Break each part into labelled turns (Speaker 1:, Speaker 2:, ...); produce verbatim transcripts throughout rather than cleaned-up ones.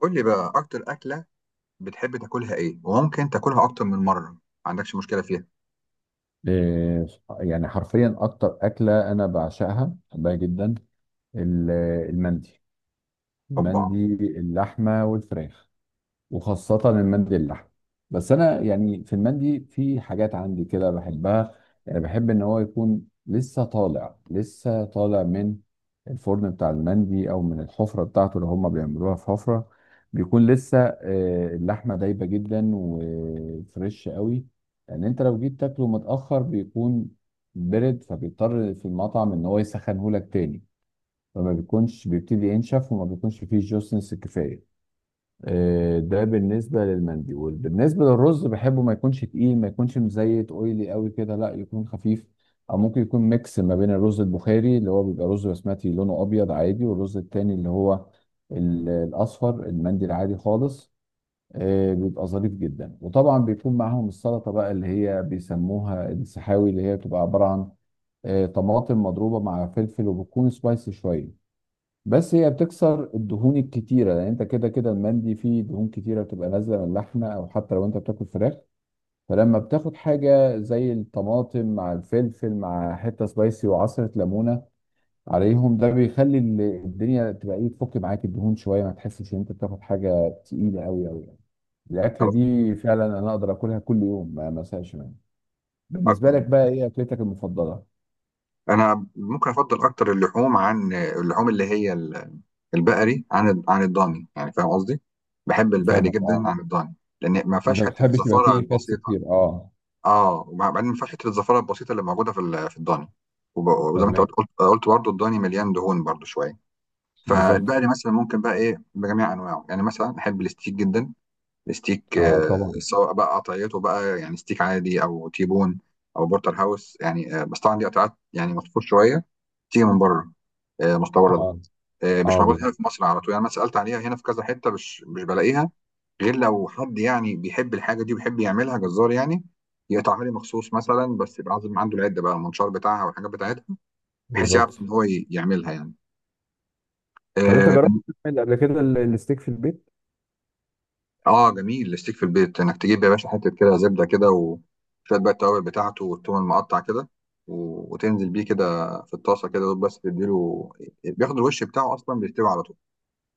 Speaker 1: قول لي بقى اكتر اكله بتحب تاكلها ايه، وممكن تاكلها اكتر من مره ما عندكش مشكله فيها؟
Speaker 2: إيه، يعني حرفيا اكتر اكله انا بعشقها بحبها جدا. ال- المندي.
Speaker 1: طبعا.
Speaker 2: المندي اللحمه والفراخ، وخاصة المندي اللحم. بس أنا يعني في المندي في حاجات عندي كده بحبها. يعني بحب إن هو يكون لسه طالع لسه طالع من الفرن بتاع المندي أو من الحفرة بتاعته اللي هما بيعملوها في حفرة. بيكون لسه آه، اللحمة دايبة جدا وفريش قوي، لأن أنت لو جيت تاكله متأخر بيكون برد، فبيضطر في المطعم إن هو يسخنهولك تاني، فما بيكونش، بيبتدي ينشف وما بيكونش فيه جوسنس كفاية. آه، ده بالنسبة للمندي. بالنسبة للرز بحبه ما يكونش تقيل، ما يكونش مزيت اويلي قوي كده، لا يكون خفيف. او ممكن يكون ميكس ما بين الرز البخاري اللي هو بيبقى رز بسمتي لونه ابيض عادي، والرز التاني اللي هو ال- الاصفر المندي العادي خالص. آه، بيبقى ظريف جدا. وطبعا بيكون معاهم السلطة بقى اللي هي بيسموها السحاوي، اللي هي بتبقى عبارة عن آه، طماطم مضروبة مع فلفل وبتكون سبايسي شوية. بس هي بتكسر الدهون الكتيره، لان انت كده كده المندي فيه دهون كتيره بتبقى نازله من اللحمه، او حتى لو انت بتاكل فراخ. فلما بتاخد حاجه زي الطماطم مع الفلفل مع حته سبايسي وعصره ليمونه عليهم، ده بيخلي ال- الدنيا تبقى ايه، تفك معاك الدهون شويه، ما تحسش ان انت بتاخد حاجه تقيله قوي قوي يعني. الاكله
Speaker 1: خلاص،
Speaker 2: دي فعلا انا اقدر اكلها كل يوم، ما ما ازهقش منها. بالنسبه
Speaker 1: اكتر.
Speaker 2: لك بقى ايه اكلتك المفضله؟
Speaker 1: انا ممكن افضل اكتر اللحوم عن اللحوم اللي هي ال- البقري عن عن الضاني، يعني فاهم قصدي؟ بحب البقري
Speaker 2: فاهمك،
Speaker 1: جدا
Speaker 2: اه.
Speaker 1: عن الضاني، لان ما
Speaker 2: انت
Speaker 1: فيهاش
Speaker 2: ما
Speaker 1: حته
Speaker 2: بتحبش يبقى
Speaker 1: الزفاره
Speaker 2: فيه فاتس
Speaker 1: البسيطه.
Speaker 2: كتير؟ اه.
Speaker 1: اه، وبعدين ما فيهاش حته الزفاره البسيطه اللي موجوده في ال- في الضاني. وب- وزي ما انت قلت
Speaker 2: تمام.
Speaker 1: قلت قلت برضه الضاني مليان دهون برضه شويه.
Speaker 2: بالظبط.
Speaker 1: فالبقري مثلا ممكن بقى ايه، بجميع انواعه، يعني مثلا احب الستيك جدا. ستيك.
Speaker 2: اه
Speaker 1: آه،
Speaker 2: طبعا.
Speaker 1: سواء بقى قطعيته بقى، يعني ستيك عادي او تيبون او بورتر هاوس يعني. آه، بس طبعا دي قطعات يعني مطفوط شويه، تيجي من بره. آه، مستورده.
Speaker 2: اه.
Speaker 1: آه، مش
Speaker 2: اه
Speaker 1: موجود هنا
Speaker 2: بالظبط.
Speaker 1: في مصر على طول، يعني انا سالت عليها هنا في كذا حته مش مش بلاقيها، غير لو حد يعني بيحب الحاجه دي وبيحب يعملها جزار يعني يقطعها لي مخصوص مثلا، بس يبقى عازم عنده العده بقى، المنشار بتاعها والحاجات بتاعتها، بحيث يعرف
Speaker 2: بالظبط.
Speaker 1: ان هو ي- يعملها يعني.
Speaker 2: طب انت
Speaker 1: آه،
Speaker 2: جربت تعمل قبل كده ال- الستيك في البيت؟
Speaker 1: اه، جميل. الستيك في البيت انك تجيب يا باشا حته كده زبده كده، وشويه بقى التوابل بتاعته والثوم المقطع كده، و- وتنزل بيه كده في الطاسه كده، دوب بس تديله بياخد الوش بتاعه، اصلا بيستوي على طول،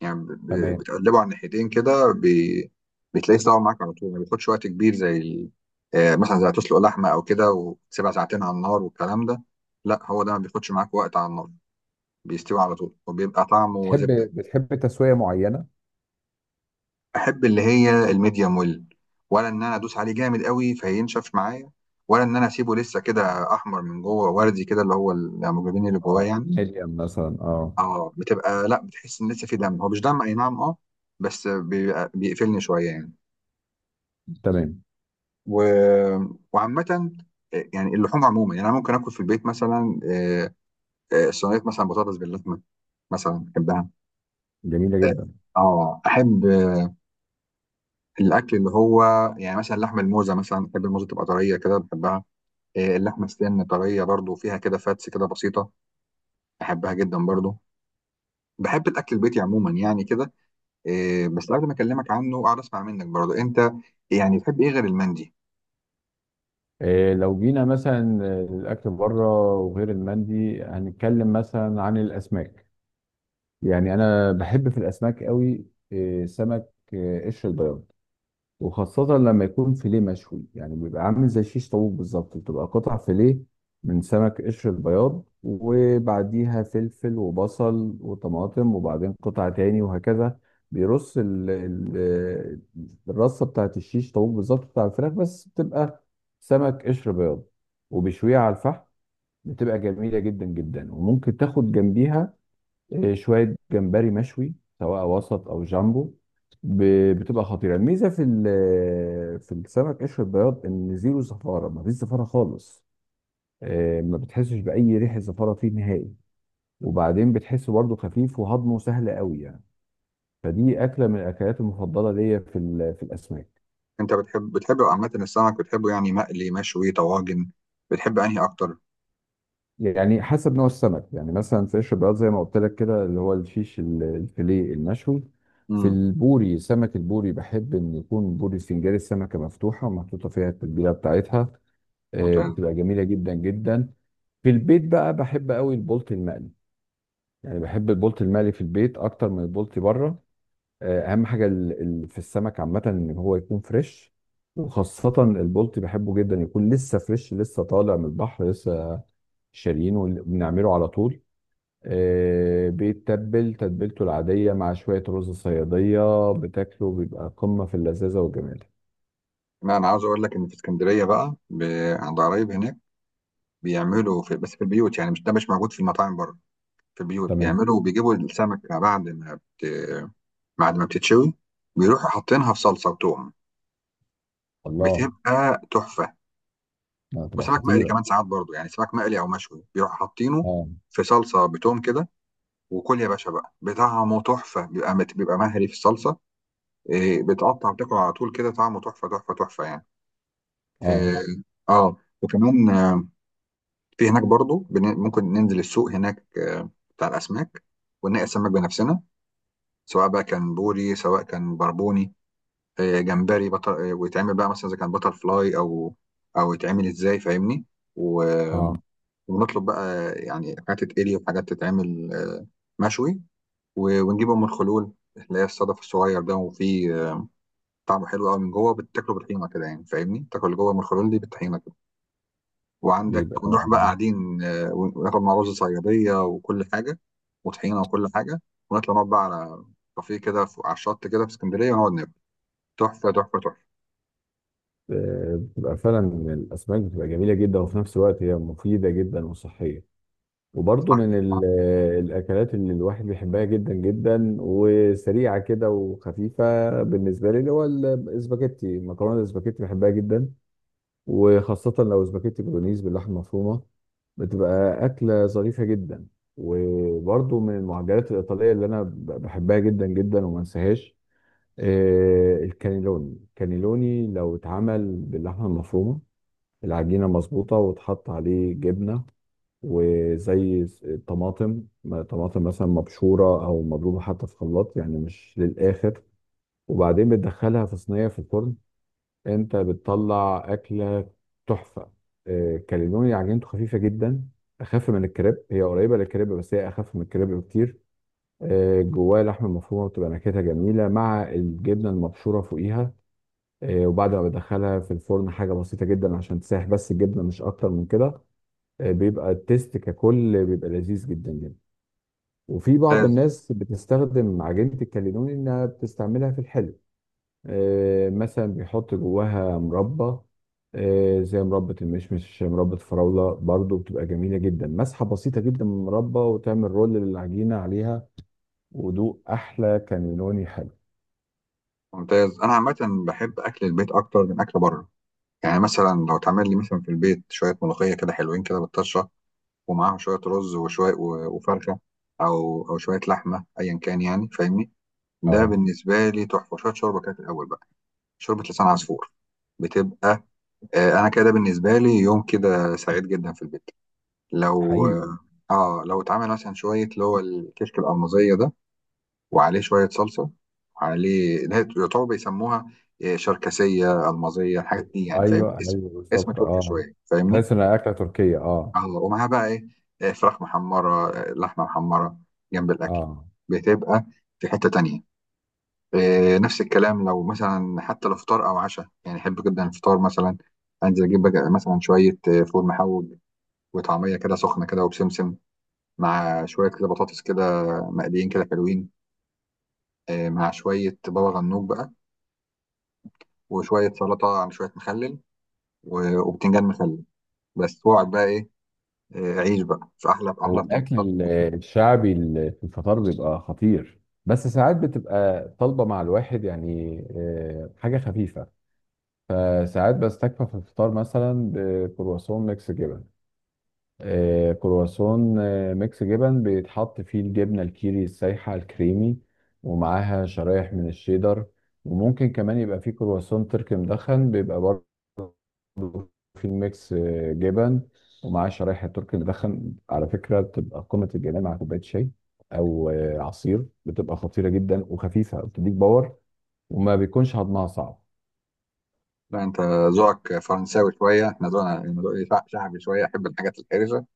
Speaker 1: يعني ب- ب-
Speaker 2: تمام.
Speaker 1: بتقلبه على الناحيتين كده، بي... بتلاقيه استوى معاك على طول، ما بياخدش وقت كبير زي ال... آه، مثلا زي تسلق لحمه او كده، وتسيبها ساعتين على النار والكلام ده. لا، هو ده ما بياخدش معاك وقت على النار، بيستوي على طول وبيبقى طعمه
Speaker 2: بتحب،
Speaker 1: زبده.
Speaker 2: بتحب تسويه معينه؟
Speaker 1: احب اللي هي الميديم ويل، ولا ان انا ادوس عليه جامد قوي فينشف معايا، ولا ان انا اسيبه لسه كده احمر من جوه، وردي كده، اللي هو الهيموجلوبين اللي جواه
Speaker 2: اه
Speaker 1: يعني.
Speaker 2: ميديم مثلا، اه.
Speaker 1: اه، بتبقى، لا بتحس ان لسه في دم، هو مش دم، اي نعم، اه، بس بيبقى بيقفلني شويه يعني.
Speaker 2: تمام.
Speaker 1: و... وعامه، آه، يعني اللحوم عموما يعني، انا ممكن اكل في البيت مثلا. آه، آه، صينيه مثلا بطاطس باللحمه، مثلا بحبها.
Speaker 2: جميله جدا.
Speaker 1: اه، آه، احب الاكل اللي هو، يعني مثلا لحم الموزه، مثلا بحب الموزه تبقى طريه كده، بحبها. إيه، اللحمه السن طريه برضو، فيها كده فاتس كده بسيطه، بحبها جدا برضو. بحب الاكل البيتي عموما يعني كده. إيه، بس قبل ما اكلمك عنه اقعد اسمع منك برضو انت، يعني بتحب ايه غير المندي؟
Speaker 2: إيه، لو جينا مثلا الاكل بره وغير المندي، هنتكلم مثلا عن الاسماك. يعني انا بحب في الاسماك قوي. إيه، سمك إيه؟ قشر البياض، وخاصة لما يكون فيليه مشوي. يعني بيبقى عامل زي شيش طاووق بالظبط، بتبقى قطع فيليه من سمك قشر البياض وبعديها فلفل وبصل وطماطم وبعدين قطع تاني وهكذا. بيرص ال ال الرصة بتاعت الشيش طاووق بالظبط بتاع الفراخ، بس بتبقى سمك قشر بياض. وبيشويها على الفحم، بتبقى جميلة جدا جدا. وممكن تاخد جنبيها آه، شويه جمبري مشوي، سواء وسط او جامبو. ب- بتبقى خطيره. الميزه في ال- في السمك قشر البياض ان زيرو زفاره، ما فيش زفاره خالص. آه، ما بتحسش باي ريحه زفاره فيه نهائي. وبعدين بتحسه برضه خفيف وهضمه سهل قوي يعني. فدي اكله من الاكلات المفضله ليا في ال- في الاسماك.
Speaker 1: انت بتحب بتحب عامه السمك، بتحبه يعني مقلي، مشوي، طواجن؟ بتحب انهي اكتر؟
Speaker 2: يعني حسب نوع السمك. يعني مثلا في قشر البياض زي ما قلت لك كده، اللي هو الفيش ال- الفيليه المشوي. في
Speaker 1: امم.
Speaker 2: البوري، سمك البوري بحب ان يكون بوري سنجاري، السمكه مفتوحه ومحطوطه فيها التتبيله بتاعتها. آه،
Speaker 1: ممتاز.
Speaker 2: بتبقى جميله جدا جدا. في البيت بقى بحب قوي البولت المقلي. يعني بحب البولت المقلي في البيت اكتر من البولت بره. آه، اهم حاجه ال- ال- في السمك عامه ان هو يكون فريش. وخاصه البولت بحبه جدا يكون لسه فريش، لسه طالع من البحر، لسه شاريينه بنعمله على طول. آه، بيتبل تتبيلته العادية مع شوية رز صيادية، بتاكله بيبقى قمة في اللذاذة والجمال.
Speaker 1: لا، انا عاوز اقول لك ان في اسكندريه بقى، ب- عند قرايب هناك بيعملوا، في بس في البيوت يعني، مش ده مش موجود في المطاعم بره. في البيوت
Speaker 2: تمام.
Speaker 1: بيعملوا بيجيبوا السمكه بعد ما بت... بعد ما بتتشوي، بيروحوا حاطينها في صلصه وتوم،
Speaker 2: الله.
Speaker 1: بتبقى تحفه.
Speaker 2: لا، هتبقى
Speaker 1: وسمك مقلي
Speaker 2: خطيرة.
Speaker 1: كمان ساعات برضو، يعني سمك مقلي او مشوي بيروح حاطينه
Speaker 2: اه.
Speaker 1: في صلصه بتوم كده، وكل يا باشا بقى بطعمه تحفه، بيبقى مت... بيبقى مهري في الصلصه. إيه، بتقطع وتاكل على طول كده، طعمه تحفه تحفه تحفه يعني.
Speaker 2: اه.
Speaker 1: إيه، اه، وكمان، آه، في هناك برضو، بن... ممكن ننزل السوق هناك، آه، بتاع الاسماك، ونلاقي السمك بنفسنا، سواء بقى كان بوري سواء كان بربوني، آه، جمبري بطل. آه، ويتعمل بقى مثلا اذا كان بطل فلاي، او او يتعمل ازاي فاهمني، و...
Speaker 2: اه.
Speaker 1: ونطلب بقى يعني حاجات تتقلي وحاجات تتعمل آه، مشوي، و- ونجيب ام الخلول، اللي هي الصدف الصغير ده، وفيه آه، طعمه حلو قوي من جوه، بتاكله بالطحينه كده يعني فاهمني، تاكل اللي جوه ام الخلول دي بالطحينه كده، وعندك
Speaker 2: بيبقى
Speaker 1: ونروح بقى قاعدين، آه، وناكل مع رز صياديه وكل حاجه، وطحينه وكل حاجه، ونطلع نقعد بقى على كافيه كده، فوق- على الشط كده في اسكندريه، ونقعد ناكل، تحفه تحفه تحفه.
Speaker 2: آه، بتبقى فعلا الأسماك بتبقى جميلة جدا، وفي نفس الوقت هي مفيدة جدا وصحية. وبرضه
Speaker 1: صح.
Speaker 2: من ال- آه، الأكلات اللي الواحد بيحبها جدا جدا، وسريعة كده وخفيفة. بالنسبة لي اللي هو الاسباجيتي، مكرونة الاسباجيتي بحبها جدا، وخاصة لو سباكيتي بولونيز باللحمة المفرومة، بتبقى أكلة ظريفة جدا. وبرضو من المعجنات الإيطالية اللي أنا ب- بحبها جدا جدا وما انساهاش آه، الكانيلوني. الكانيلوني لو اتعمل باللحمة المفرومة، العجينة مظبوطة، واتحط عليه جبنة وزي س- طماطم ما- طماطم مثلا مبشورة أو مضروبة حتى في خلاط، يعني مش للآخر، وبعدين بتدخلها في صينية في الفرن، انت بتطلع اكله تحفه. آه، كاليلوني عجينته خفيفه جدا، اخف من الكريب. هي قريبه للكريب بس هي اخف من الكريب بكتير. آه، جواها لحم مفرومه، بتبقى نكهتها جميله مع الجبنه المبشوره فوقيها. آه، وبعد ما بدخلها في الفرن حاجه بسيطه جدا عشان تسيح بس الجبنه، مش اكتر من كده. آه، بيبقى التيست ككل بيبقى لذيذ جدا جدا. وفي بعض
Speaker 1: ممتاز.
Speaker 2: الناس بتستخدم عجينه الكاليلوني انها بتستعملها في الحلو. آه، مثلا بيحط جواها مربى، آه، زي مربى المشمش، مربى الفراولة. برضو بتبقى جميلة جدا، مسحة بسيطة جدا من المربى وتعمل رول للعجينة عليها، ودوق أحلى كانيلوني حلو.
Speaker 1: ممتاز. انا عامه بحب اكل البيت اكتر من اكل بره. يعني مثلا لو تعمل لي مثلا في البيت شوية ملوخية كده حلوين كده بالطشة، ومعاهم شوية رز وشوية و- وفرخة، أو أو شوية لحمة أيا كان يعني فاهمني، ده
Speaker 2: اه.
Speaker 1: بالنسبة لي تحفة. شوية شوربة كده في الأول بقى، شوربة لسان عصفور. بتبقى آه أنا كده بالنسبة لي يوم كده سعيد جدا في البيت، لو
Speaker 2: حقيقي.
Speaker 1: آه لو اتعمل مثلا شوية اللي هو الكشك الألمازية ده، وعليه شوية صلصة، وعليه، ده يعتبر بيسموها آه، شركسية، ألمازية، الحاجات دي، يعني فاهم
Speaker 2: ايوه
Speaker 1: اسم
Speaker 2: ايوه
Speaker 1: اسم
Speaker 2: بالظبط،
Speaker 1: تركي
Speaker 2: اه.
Speaker 1: شوية فاهمني.
Speaker 2: تحس انها اكله تركيه، اه.
Speaker 1: اه، ومعاها بقى ايه، آه، فراخ محمرة، آه، لحمة محمرة جنب الأكل،
Speaker 2: اه.
Speaker 1: بتبقى في حتة تانية. آه، نفس الكلام لو مثلا حتى لو فطار أو عشاء يعني، أحب جدا الفطار مثلا، أنزل أجيب بقى مثلا شوية آه، فول محوج وطعمية كده سخنة كده وبسمسم، مع شوية كده بطاطس كده مقليين كده حلوين، آه، مع شوية بابا غنوج بقى، وشوية سلطة على شوية مخلل، و- وبتنجان مخلل بس، وأقعد بقى، إيه، آه، عيش بقى في أحلى، في أحلى
Speaker 2: والاكل
Speaker 1: فطار.
Speaker 2: ال- الشعبي ال- في الفطار بيبقى خطير، بس ساعات بتبقى طالبه مع الواحد يعني آه، حاجه خفيفه. فساعات بستكفى في الفطار مثلا بكرواسون ميكس جبن. آه، كرواسون آه، ميكس جبن بيتحط فيه الجبنة الكيري السايحة الكريمي، ومعاها شرايح من الشيدر. وممكن كمان يبقى فيه كرواسون تركي مدخن، بيبقى برضه فيه ميكس آه، جبن، ومعاه شرايح التركي المدخن. على فكرة بتبقى قمة الجمال مع كوباية شاي أو آه، عصير. بتبقى خطيرة جدا وخفيفة، بتديك باور، وما بيكونش هضمها صعب.
Speaker 1: لا، انت ذوقك فرنساوي شويه، احنا ذوقنا ذوقي شع- شعبي شويه، احب الحاجات الحرجه.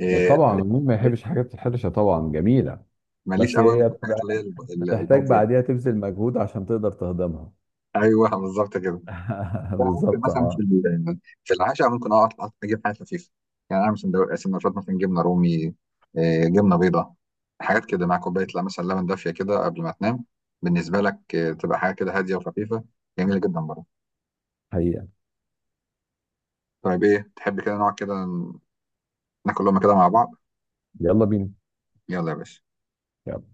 Speaker 1: إيه،
Speaker 2: طبعا مين ما
Speaker 1: ماليش،
Speaker 2: يحبش حاجات الحرشة؟ طبعا جميلة.
Speaker 1: ماليش
Speaker 2: بس
Speaker 1: قوي انا
Speaker 2: هي
Speaker 1: في الحاجات اللي هي
Speaker 2: بتبقى،
Speaker 1: الب- ال-
Speaker 2: بتحتاج
Speaker 1: الهاديه دي.
Speaker 2: بعديها تبذل مجهود عشان تقدر تهضمها.
Speaker 1: ايوه، بالظبط كده. أنا ممكن
Speaker 2: بالظبط،
Speaker 1: مثلا في
Speaker 2: اه.
Speaker 1: ال- في العشاء ممكن اقعد أقعد اجيب حاجه خفيفه، يعني اعمل سندوتش سندوتشات مثلا جبنه رومي، إيه، جبنه بيضاء، حاجات كده، مع كوبايه، لا مثلا، لبن دافيه كده قبل ما تنام. بالنسبه لك، إيه، تبقى حاجه كده هاديه وخفيفه، جميله جدا برضه.
Speaker 2: حقيقة.
Speaker 1: طيب، ايه تحب كده نقعد كده ن- ناكل لقمه كده مع بعض؟
Speaker 2: يلا بينا.
Speaker 1: يلا يا باشا.
Speaker 2: يلا.